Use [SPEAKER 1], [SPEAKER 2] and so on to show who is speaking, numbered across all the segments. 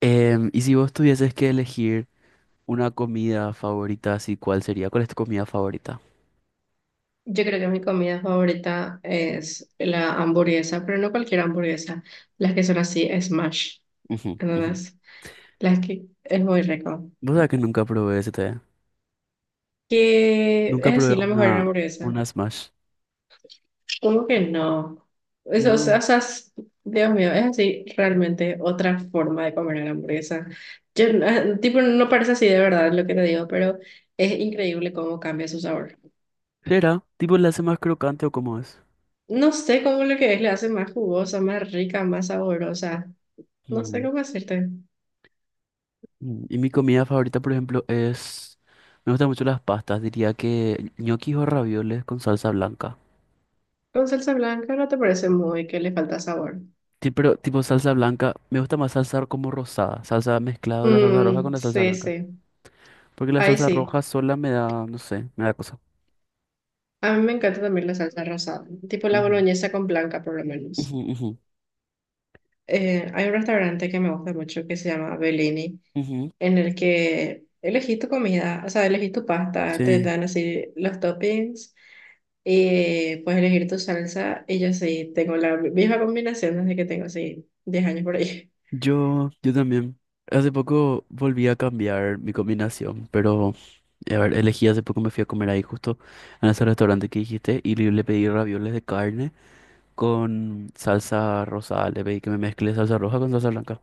[SPEAKER 1] Y si vos tuvieses que elegir una comida favorita, así, ¿cuál sería? ¿Cuál es tu comida favorita?
[SPEAKER 2] Yo creo que mi comida favorita es la hamburguesa, pero no cualquier hamburguesa, las que son así, smash,
[SPEAKER 1] Ujú, ujú.
[SPEAKER 2] ¿entendés? Las que es muy rico.
[SPEAKER 1] Vos sabés que nunca probé ese té.
[SPEAKER 2] Que
[SPEAKER 1] Nunca
[SPEAKER 2] es
[SPEAKER 1] probé
[SPEAKER 2] así la mejor hamburguesa.
[SPEAKER 1] una smash.
[SPEAKER 2] ¿Cómo que no? Eso, o sea,
[SPEAKER 1] No.
[SPEAKER 2] Dios mío, es así realmente otra forma de comer la hamburguesa. Yo, tipo, no parece así de verdad lo que te digo, pero es increíble cómo cambia su sabor.
[SPEAKER 1] ¿Será? ¿Tipo la hace más crocante o cómo es?
[SPEAKER 2] No sé cómo lo que es le hace más jugosa, más rica, más saborosa. No sé
[SPEAKER 1] Mm,
[SPEAKER 2] cómo decirte.
[SPEAKER 1] Y mi comida favorita, por ejemplo, es... Me gustan mucho las pastas. Diría que ñoquis o ravioles con salsa blanca.
[SPEAKER 2] Con salsa blanca no te parece muy que le falta sabor.
[SPEAKER 1] Pero tipo salsa blanca, me gusta más salsa como rosada. Salsa mezclado de la salsa roja con
[SPEAKER 2] Mm,
[SPEAKER 1] la salsa
[SPEAKER 2] sí,
[SPEAKER 1] blanca.
[SPEAKER 2] sí.
[SPEAKER 1] Porque la
[SPEAKER 2] Ahí
[SPEAKER 1] salsa
[SPEAKER 2] sí.
[SPEAKER 1] roja sola me da, no sé, me da cosa.
[SPEAKER 2] A mí me encanta también la salsa rosada, tipo la
[SPEAKER 1] Ujú,
[SPEAKER 2] boloñesa con blanca por lo menos.
[SPEAKER 1] ujú, ujú,
[SPEAKER 2] Hay un restaurante que me gusta mucho que se llama Bellini,
[SPEAKER 1] ujú.
[SPEAKER 2] en el que elegís tu comida, o sea, elegís tu pasta, te
[SPEAKER 1] Sí,
[SPEAKER 2] dan así los toppings y puedes elegir tu salsa. Y yo sí, tengo la misma combinación desde que tengo así 10 años por ahí.
[SPEAKER 1] yo también. Hace poco volví a cambiar mi combinación, pero a ver, elegí hace poco me fui a comer ahí justo en ese restaurante que dijiste y le pedí ravioles de carne con salsa rosada. Le pedí que me mezcle salsa roja con salsa blanca.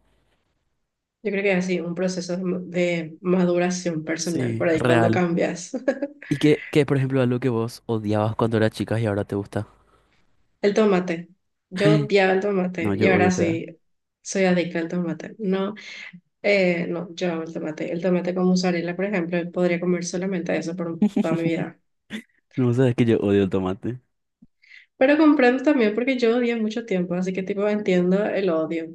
[SPEAKER 2] Yo creo que es así, un proceso de maduración personal,
[SPEAKER 1] Sí,
[SPEAKER 2] por ahí cuando
[SPEAKER 1] real.
[SPEAKER 2] cambias.
[SPEAKER 1] ¿Y qué, por ejemplo, algo que vos odiabas cuando eras chica y ahora te gusta?
[SPEAKER 2] El tomate. Yo odiaba el
[SPEAKER 1] No,
[SPEAKER 2] tomate y
[SPEAKER 1] yo odio
[SPEAKER 2] ahora
[SPEAKER 1] te.
[SPEAKER 2] sí soy adicta al tomate. No, no, yo amo el tomate. El tomate con mozzarella, por ejemplo, podría comer solamente eso por toda mi vida.
[SPEAKER 1] No, sabes que yo odio el tomate.
[SPEAKER 2] Pero comprendo también porque yo odié mucho tiempo, así que tipo entiendo el odio.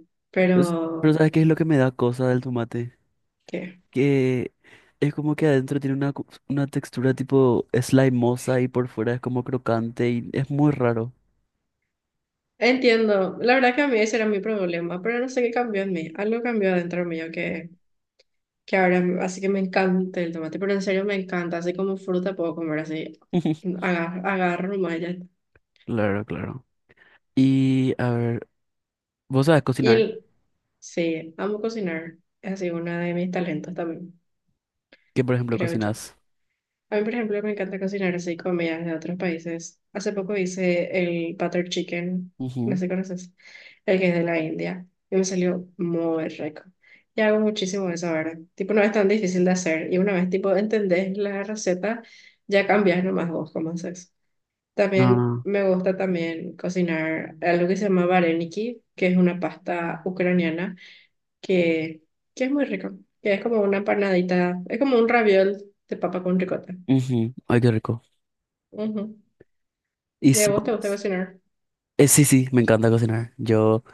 [SPEAKER 1] Pues, pero
[SPEAKER 2] Pero,
[SPEAKER 1] ¿sabes qué es lo que me da cosa del tomate?
[SPEAKER 2] ¿qué?
[SPEAKER 1] Que es como que adentro tiene una textura tipo slimosa y por fuera es como crocante y es muy raro.
[SPEAKER 2] Entiendo. La verdad que a mí ese era mi problema, pero no sé qué cambió en mí. Algo cambió adentro mío que ahora, así que me encanta el tomate, pero en serio me encanta, así como fruta puedo comer así, agarro nomás y ya está.
[SPEAKER 1] Claro, claro. Y a ver, ¿vos sabes
[SPEAKER 2] Y
[SPEAKER 1] cocinar?
[SPEAKER 2] el- sí, amo cocinar, es así uno de mis talentos también,
[SPEAKER 1] ¿Qué, por ejemplo,
[SPEAKER 2] creo yo.
[SPEAKER 1] cocinas?
[SPEAKER 2] A mí, por ejemplo, me encanta cocinar así comidas de otros países. Hace poco hice el butter chicken, no
[SPEAKER 1] Ujú.
[SPEAKER 2] sé si conoces, el que es de la India, y me salió muy rico. Y hago muchísimo de eso ahora. Tipo, no es tan difícil de hacer. Y una vez, tipo, entendés la receta, ya cambias nomás vos cómo haces. También
[SPEAKER 1] Ah,
[SPEAKER 2] me gusta también cocinar algo que se llama vareniki, que es una pasta ucraniana que, que es muy rico, que es como una empanadita es como un raviol de papa con ricota.
[SPEAKER 1] ujú. Ay, qué rico.
[SPEAKER 2] Ujú.
[SPEAKER 1] Y
[SPEAKER 2] ¿Y a
[SPEAKER 1] so-
[SPEAKER 2] vos te gusta cocinar?
[SPEAKER 1] sí, sí, me encanta cocinar. Yo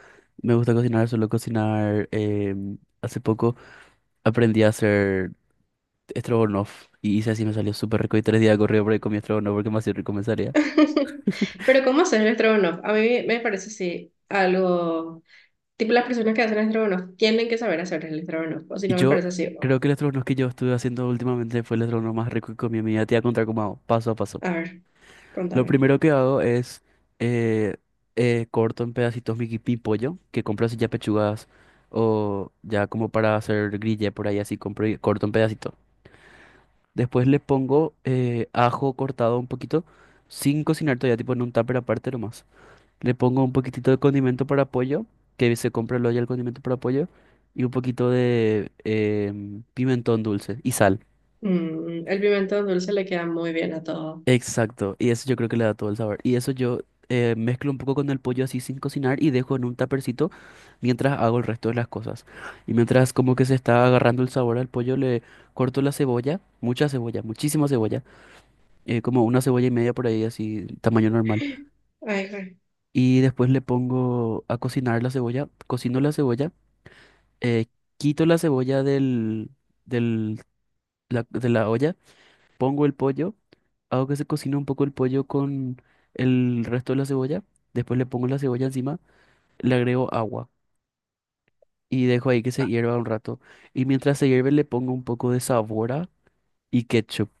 [SPEAKER 1] me gusta cocinar, suelo cocinar. Hace poco aprendí a hacer estrogonoff y hice así, me salió súper rico y tres días corrido por ahí comí estrogonoff porque me hacía rico me salía.
[SPEAKER 2] Pero ¿cómo haces el estrogonoff? A mí me parece así algo, tipo las personas que hacen estrogonoff tienen que saber hacer el estrogonoff, o si
[SPEAKER 1] Y
[SPEAKER 2] no me
[SPEAKER 1] yo
[SPEAKER 2] parece así.
[SPEAKER 1] creo que el estrogono que yo estuve haciendo últimamente fue el estrogono más rico que comí en mi vida. Te voy a contar cómo hago, paso a paso.
[SPEAKER 2] A ver,
[SPEAKER 1] Lo
[SPEAKER 2] contame.
[SPEAKER 1] primero que hago es eh, corto en pedacitos mi pollo, que compro así ya pechugas o ya como para hacer grilla por ahí, así compro y corto en pedacitos. Después le pongo ajo cortado un poquito, sin cocinar todavía, tipo en un tupper aparte nomás. Le pongo un poquitito de condimento para pollo, que se compra luego ya el condimento para pollo, y un poquito de pimentón dulce y sal.
[SPEAKER 2] Mm, el pimentón dulce le queda muy bien a todo.
[SPEAKER 1] Exacto, y eso yo creo que le da todo el sabor. Y eso yo mezclo un poco con el pollo así sin cocinar y dejo en un tapercito mientras hago el resto de las cosas. Y mientras como que se está agarrando el sabor al pollo, le corto la cebolla, mucha cebolla, muchísima cebolla, como una cebolla y media por ahí, así tamaño normal.
[SPEAKER 2] Ay, güey.
[SPEAKER 1] Y después le pongo a cocinar la cebolla, cocino la cebolla eh, quito la cebolla del, del- la- de la olla, pongo el pollo, hago que se cocine un poco el pollo con el resto de la cebolla, después le pongo la cebolla encima, le agrego agua y dejo ahí que se hierva un rato. Y mientras se hierve le pongo un poco de sabora y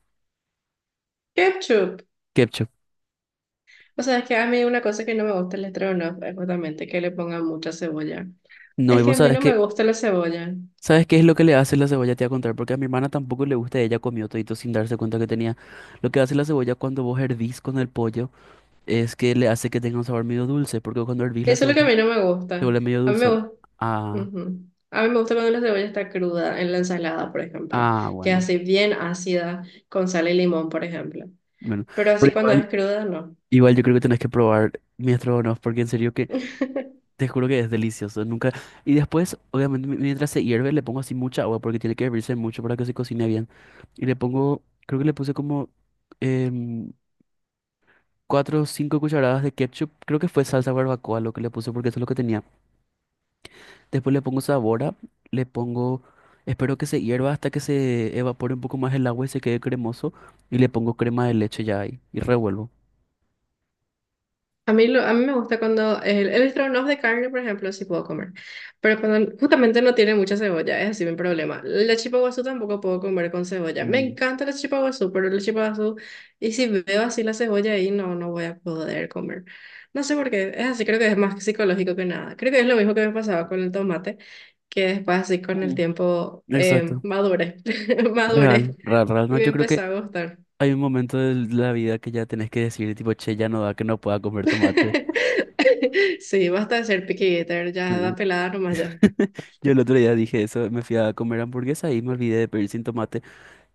[SPEAKER 2] Ketchup.
[SPEAKER 1] ketchup.
[SPEAKER 2] O sea, es que a mí una cosa que no me gusta el estrogonofe es justamente que le pongan mucha cebolla.
[SPEAKER 1] No,
[SPEAKER 2] Es
[SPEAKER 1] y
[SPEAKER 2] que a
[SPEAKER 1] vos
[SPEAKER 2] mí
[SPEAKER 1] sabes
[SPEAKER 2] no me
[SPEAKER 1] que,
[SPEAKER 2] gusta la cebolla.
[SPEAKER 1] ¿sabes qué es lo que le hace la cebolla? Te voy a contar, porque a mi hermana tampoco le gusta, ella comió todito sin darse cuenta que tenía. Lo que hace la cebolla cuando vos hervís con el pollo, es que le hace que tenga un sabor medio dulce, porque cuando hervís la
[SPEAKER 2] Eso es lo que a
[SPEAKER 1] cebolla
[SPEAKER 2] mí no me
[SPEAKER 1] se
[SPEAKER 2] gusta.
[SPEAKER 1] vuelve medio
[SPEAKER 2] A mí me
[SPEAKER 1] dulzón.
[SPEAKER 2] gusta,
[SPEAKER 1] Ah,
[SPEAKER 2] a mí me gusta cuando la cebolla está cruda en la ensalada, por ejemplo,
[SPEAKER 1] ah,
[SPEAKER 2] que es
[SPEAKER 1] bueno,
[SPEAKER 2] así bien ácida con sal y limón, por ejemplo.
[SPEAKER 1] bueno,
[SPEAKER 2] Pero así
[SPEAKER 1] pero
[SPEAKER 2] cuando es
[SPEAKER 1] igual,
[SPEAKER 2] cruda, no.
[SPEAKER 1] igual yo creo que tenés que probar mi estrogonoff, porque en serio que te juro que es delicioso, nunca. Y después, obviamente, mientras se hierve le pongo así mucha agua, porque tiene que hervirse mucho para que se cocine bien. Y le pongo, creo que le puse como em, cuatro o cinco cucharadas de ketchup, creo que fue salsa barbacoa lo que le puse, porque eso es lo que tenía. Después le pongo sabora, le pongo, espero que se hierva hasta que se evapore un poco más el agua y se quede cremoso. Y le pongo crema de leche ya ahí y revuelvo.
[SPEAKER 2] A mí, a mí me gusta cuando el estrogonoff de carne, por ejemplo, sí puedo comer, pero cuando justamente no tiene mucha cebolla, es así mi problema. La chipa guazú tampoco puedo comer con cebolla. Me
[SPEAKER 1] Mm.
[SPEAKER 2] encanta la chipa guazú, pero la chipa guazú, y si veo así la cebolla ahí, no, no voy a poder comer. No sé por qué, es así, creo que es más psicológico que nada. Creo que es lo mismo que me pasaba con el tomate, que después así con el
[SPEAKER 1] Mm,
[SPEAKER 2] tiempo
[SPEAKER 1] exacto.
[SPEAKER 2] madure madure
[SPEAKER 1] Real, real, real. No,
[SPEAKER 2] y me
[SPEAKER 1] yo creo
[SPEAKER 2] empezó
[SPEAKER 1] que
[SPEAKER 2] a gustar.
[SPEAKER 1] hay un momento de la vida que ya tenés que decir, tipo, che, ya no da que no pueda comer tomate.
[SPEAKER 2] Sí, basta de ser picky eater, ya da
[SPEAKER 1] Ujú.
[SPEAKER 2] pelada nomás ya.
[SPEAKER 1] Yo el otro día dije eso, me fui a comer hamburguesa y me olvidé de pedir sin tomate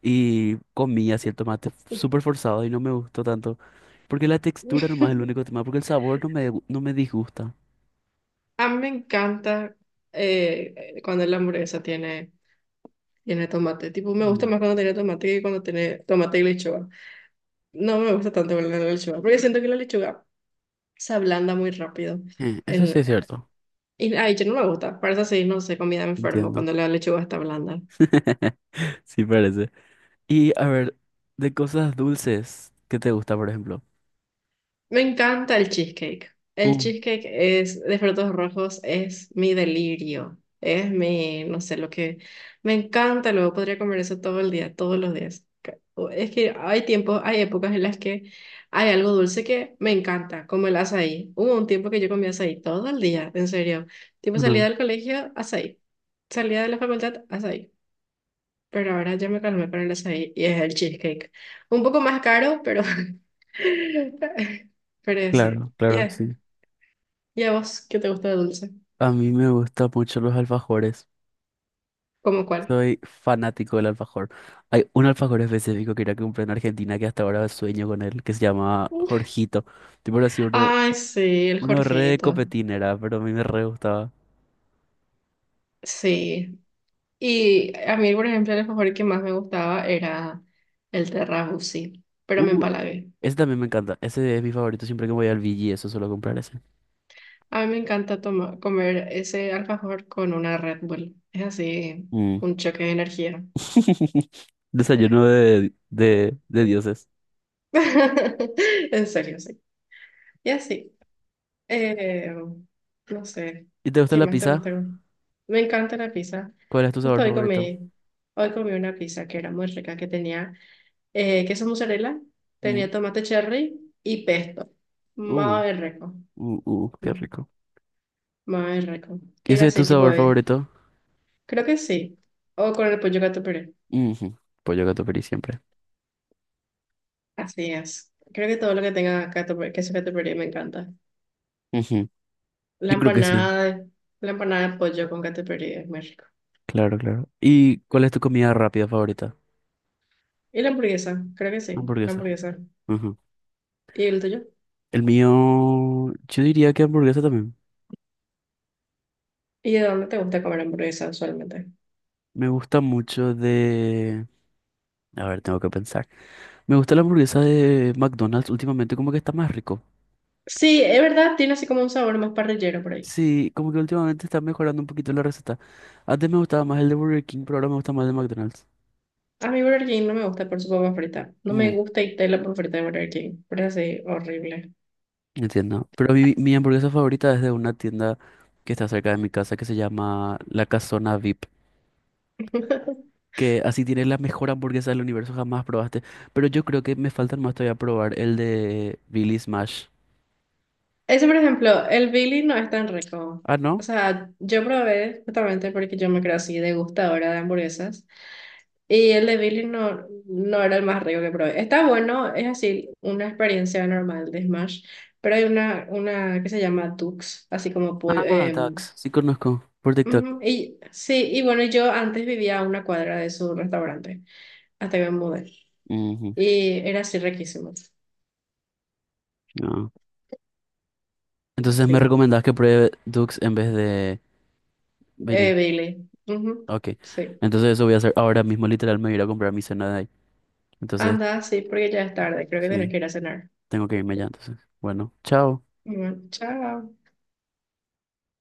[SPEAKER 1] y comí así el tomate súper forzado y no me gustó tanto. Porque la textura nomás es el único tema, porque el sabor no no me disgusta.
[SPEAKER 2] A mí me encanta cuando la hamburguesa tiene tomate. Tipo, me gusta
[SPEAKER 1] Mm.
[SPEAKER 2] más cuando tiene tomate que cuando tiene tomate y lechuga. No me gusta tanto con la lechuga, porque siento que la lechuga se ablanda muy rápido.
[SPEAKER 1] Eso sí
[SPEAKER 2] El,
[SPEAKER 1] es cierto,
[SPEAKER 2] y ay, yo no me gusta. Para eso sí, no sé, comida me enfermo
[SPEAKER 1] entiendo.
[SPEAKER 2] cuando la lechuga está blanda.
[SPEAKER 1] Sí parece. Y a ver, de cosas dulces, ¿qué te gusta, por ejemplo?
[SPEAKER 2] Me encanta el cheesecake. El
[SPEAKER 1] Uh,
[SPEAKER 2] cheesecake es de frutos rojos, es mi delirio. Es mi, no sé, lo que me encanta. Luego podría comer eso todo el día, todos los días. Es que hay tiempos, hay épocas en las que hay algo dulce que me encanta, como el azaí. Hubo un tiempo que yo comía azaí todo el día, en serio. Tipo salía
[SPEAKER 1] ujú,
[SPEAKER 2] del colegio, azaí. Salía de la facultad, azaí pero ahora ya me calmé para el açaí y es el cheesecake. Un poco más caro, pero, pero sí.
[SPEAKER 1] claro,
[SPEAKER 2] ¿Y
[SPEAKER 1] claro, sí.
[SPEAKER 2] y a vos qué te gusta de dulce?
[SPEAKER 1] A mí me gustan mucho los alfajores.
[SPEAKER 2] ¿Cómo cuál?
[SPEAKER 1] Soy fanático del alfajor. Hay un alfajor específico que ir que comprar en Argentina que hasta ahora sueño con él, que se llama Jorgito. Tipo así,
[SPEAKER 2] Ay, sí, el
[SPEAKER 1] uno re de
[SPEAKER 2] Jorgito.
[SPEAKER 1] copetín era, pero a mí me re gustaba.
[SPEAKER 2] Sí. Y a mí, por ejemplo, el alfajor que más me gustaba era el Terrabuzzi, pero me
[SPEAKER 1] Uh,
[SPEAKER 2] empalagué.
[SPEAKER 1] ese también me encanta. Ese es mi favorito siempre que voy al Vigi, eso suelo comprar ese.
[SPEAKER 2] A mí me encanta comer ese alfajor con una Red Bull. Es así,
[SPEAKER 1] Mm.
[SPEAKER 2] un choque de energía.
[SPEAKER 1] Desayuno de dioses.
[SPEAKER 2] En serio, sí. Y así. Eh, no sé,
[SPEAKER 1] ¿Y te gusta
[SPEAKER 2] ¿qué
[SPEAKER 1] la
[SPEAKER 2] más te
[SPEAKER 1] pizza?
[SPEAKER 2] gusta? ¿Comer? Me encanta la pizza.
[SPEAKER 1] ¿Cuál es tu sabor
[SPEAKER 2] Justo hoy
[SPEAKER 1] favorito?
[SPEAKER 2] comí, hoy comí una pizza que era muy rica, que tenía queso mozzarella,
[SPEAKER 1] Mm,
[SPEAKER 2] tenía tomate cherry y pesto.
[SPEAKER 1] uh,
[SPEAKER 2] Muy rico,
[SPEAKER 1] qué rico.
[SPEAKER 2] muy rico.
[SPEAKER 1] ¿Y ese
[SPEAKER 2] Era
[SPEAKER 1] es tu
[SPEAKER 2] así, tipo
[SPEAKER 1] sabor
[SPEAKER 2] de,
[SPEAKER 1] favorito?
[SPEAKER 2] creo que sí, o con el pollo gato puré.
[SPEAKER 1] Ujú, pollo gato feliz siempre.
[SPEAKER 2] Así es. Creo que todo lo que tenga gato, queso gato puré me encanta.
[SPEAKER 1] Ujú,
[SPEAKER 2] La
[SPEAKER 1] yo creo que sí.
[SPEAKER 2] empanada de, la empanada de pollo con gato puré es muy rico.
[SPEAKER 1] Claro, claro. ¿Y cuál es tu comida rápida favorita?
[SPEAKER 2] Y la hamburguesa, creo que sí, la
[SPEAKER 1] Hamburguesa.
[SPEAKER 2] hamburguesa.
[SPEAKER 1] Ujú.
[SPEAKER 2] ¿Y el tuyo?
[SPEAKER 1] El mío, yo diría que hamburguesa también.
[SPEAKER 2] ¿Y de dónde te gusta comer hamburguesa usualmente?
[SPEAKER 1] Me gusta mucho de... A ver, tengo que pensar. Me gusta la hamburguesa de McDonald's últimamente, como que está más rico.
[SPEAKER 2] Sí, es verdad, tiene así como un sabor más parrillero por ahí.
[SPEAKER 1] Sí, como que últimamente está mejorando un poquito la receta. Antes me gustaba más el de Burger King, pero ahora me gusta más el de McDonald's.
[SPEAKER 2] A mí Burger King no me gusta por su papa frita. No me
[SPEAKER 1] Mm,
[SPEAKER 2] gusta y la papa frita de Burger King. Pero es así, horrible.
[SPEAKER 1] entiendo. Pero mi hamburguesa favorita es de una tienda que está cerca de mi casa que se llama La Casona VIP. Que así tiene la mejor hamburguesa del universo, jamás probaste. Pero yo creo que me faltan más todavía probar el de Billy Smash.
[SPEAKER 2] Ese, por ejemplo, el Billy no es tan rico.
[SPEAKER 1] Ah,
[SPEAKER 2] O
[SPEAKER 1] ¿no?
[SPEAKER 2] sea, yo probé justamente porque yo me creo así degustadora de hamburguesas. Y el de Billy no, no era el más rico que probé. Está bueno, es así, una experiencia normal de Smash. Pero hay una que se llama Tux, así como pollo,
[SPEAKER 1] Ah, Dux. Sí conozco. Por TikTok.
[SPEAKER 2] ujú, y sí, y bueno, yo antes vivía a una cuadra de su restaurante, hasta que me mudé.
[SPEAKER 1] Ujú,
[SPEAKER 2] Y era así riquísimo.
[SPEAKER 1] ah. Entonces me
[SPEAKER 2] Sí,
[SPEAKER 1] recomendás que pruebe Dux en vez de Billy.
[SPEAKER 2] Billy. Ujú,
[SPEAKER 1] Ok.
[SPEAKER 2] sí,
[SPEAKER 1] Entonces eso voy a hacer ahora mismo, literal, me voy a ir a comprar mi cena de ahí. Entonces,
[SPEAKER 2] anda, sí, porque ya es tarde, creo que tienes
[SPEAKER 1] sí,
[SPEAKER 2] que ir a cenar.
[SPEAKER 1] tengo que irme ya entonces. Bueno, chao.
[SPEAKER 2] Bueno, chao.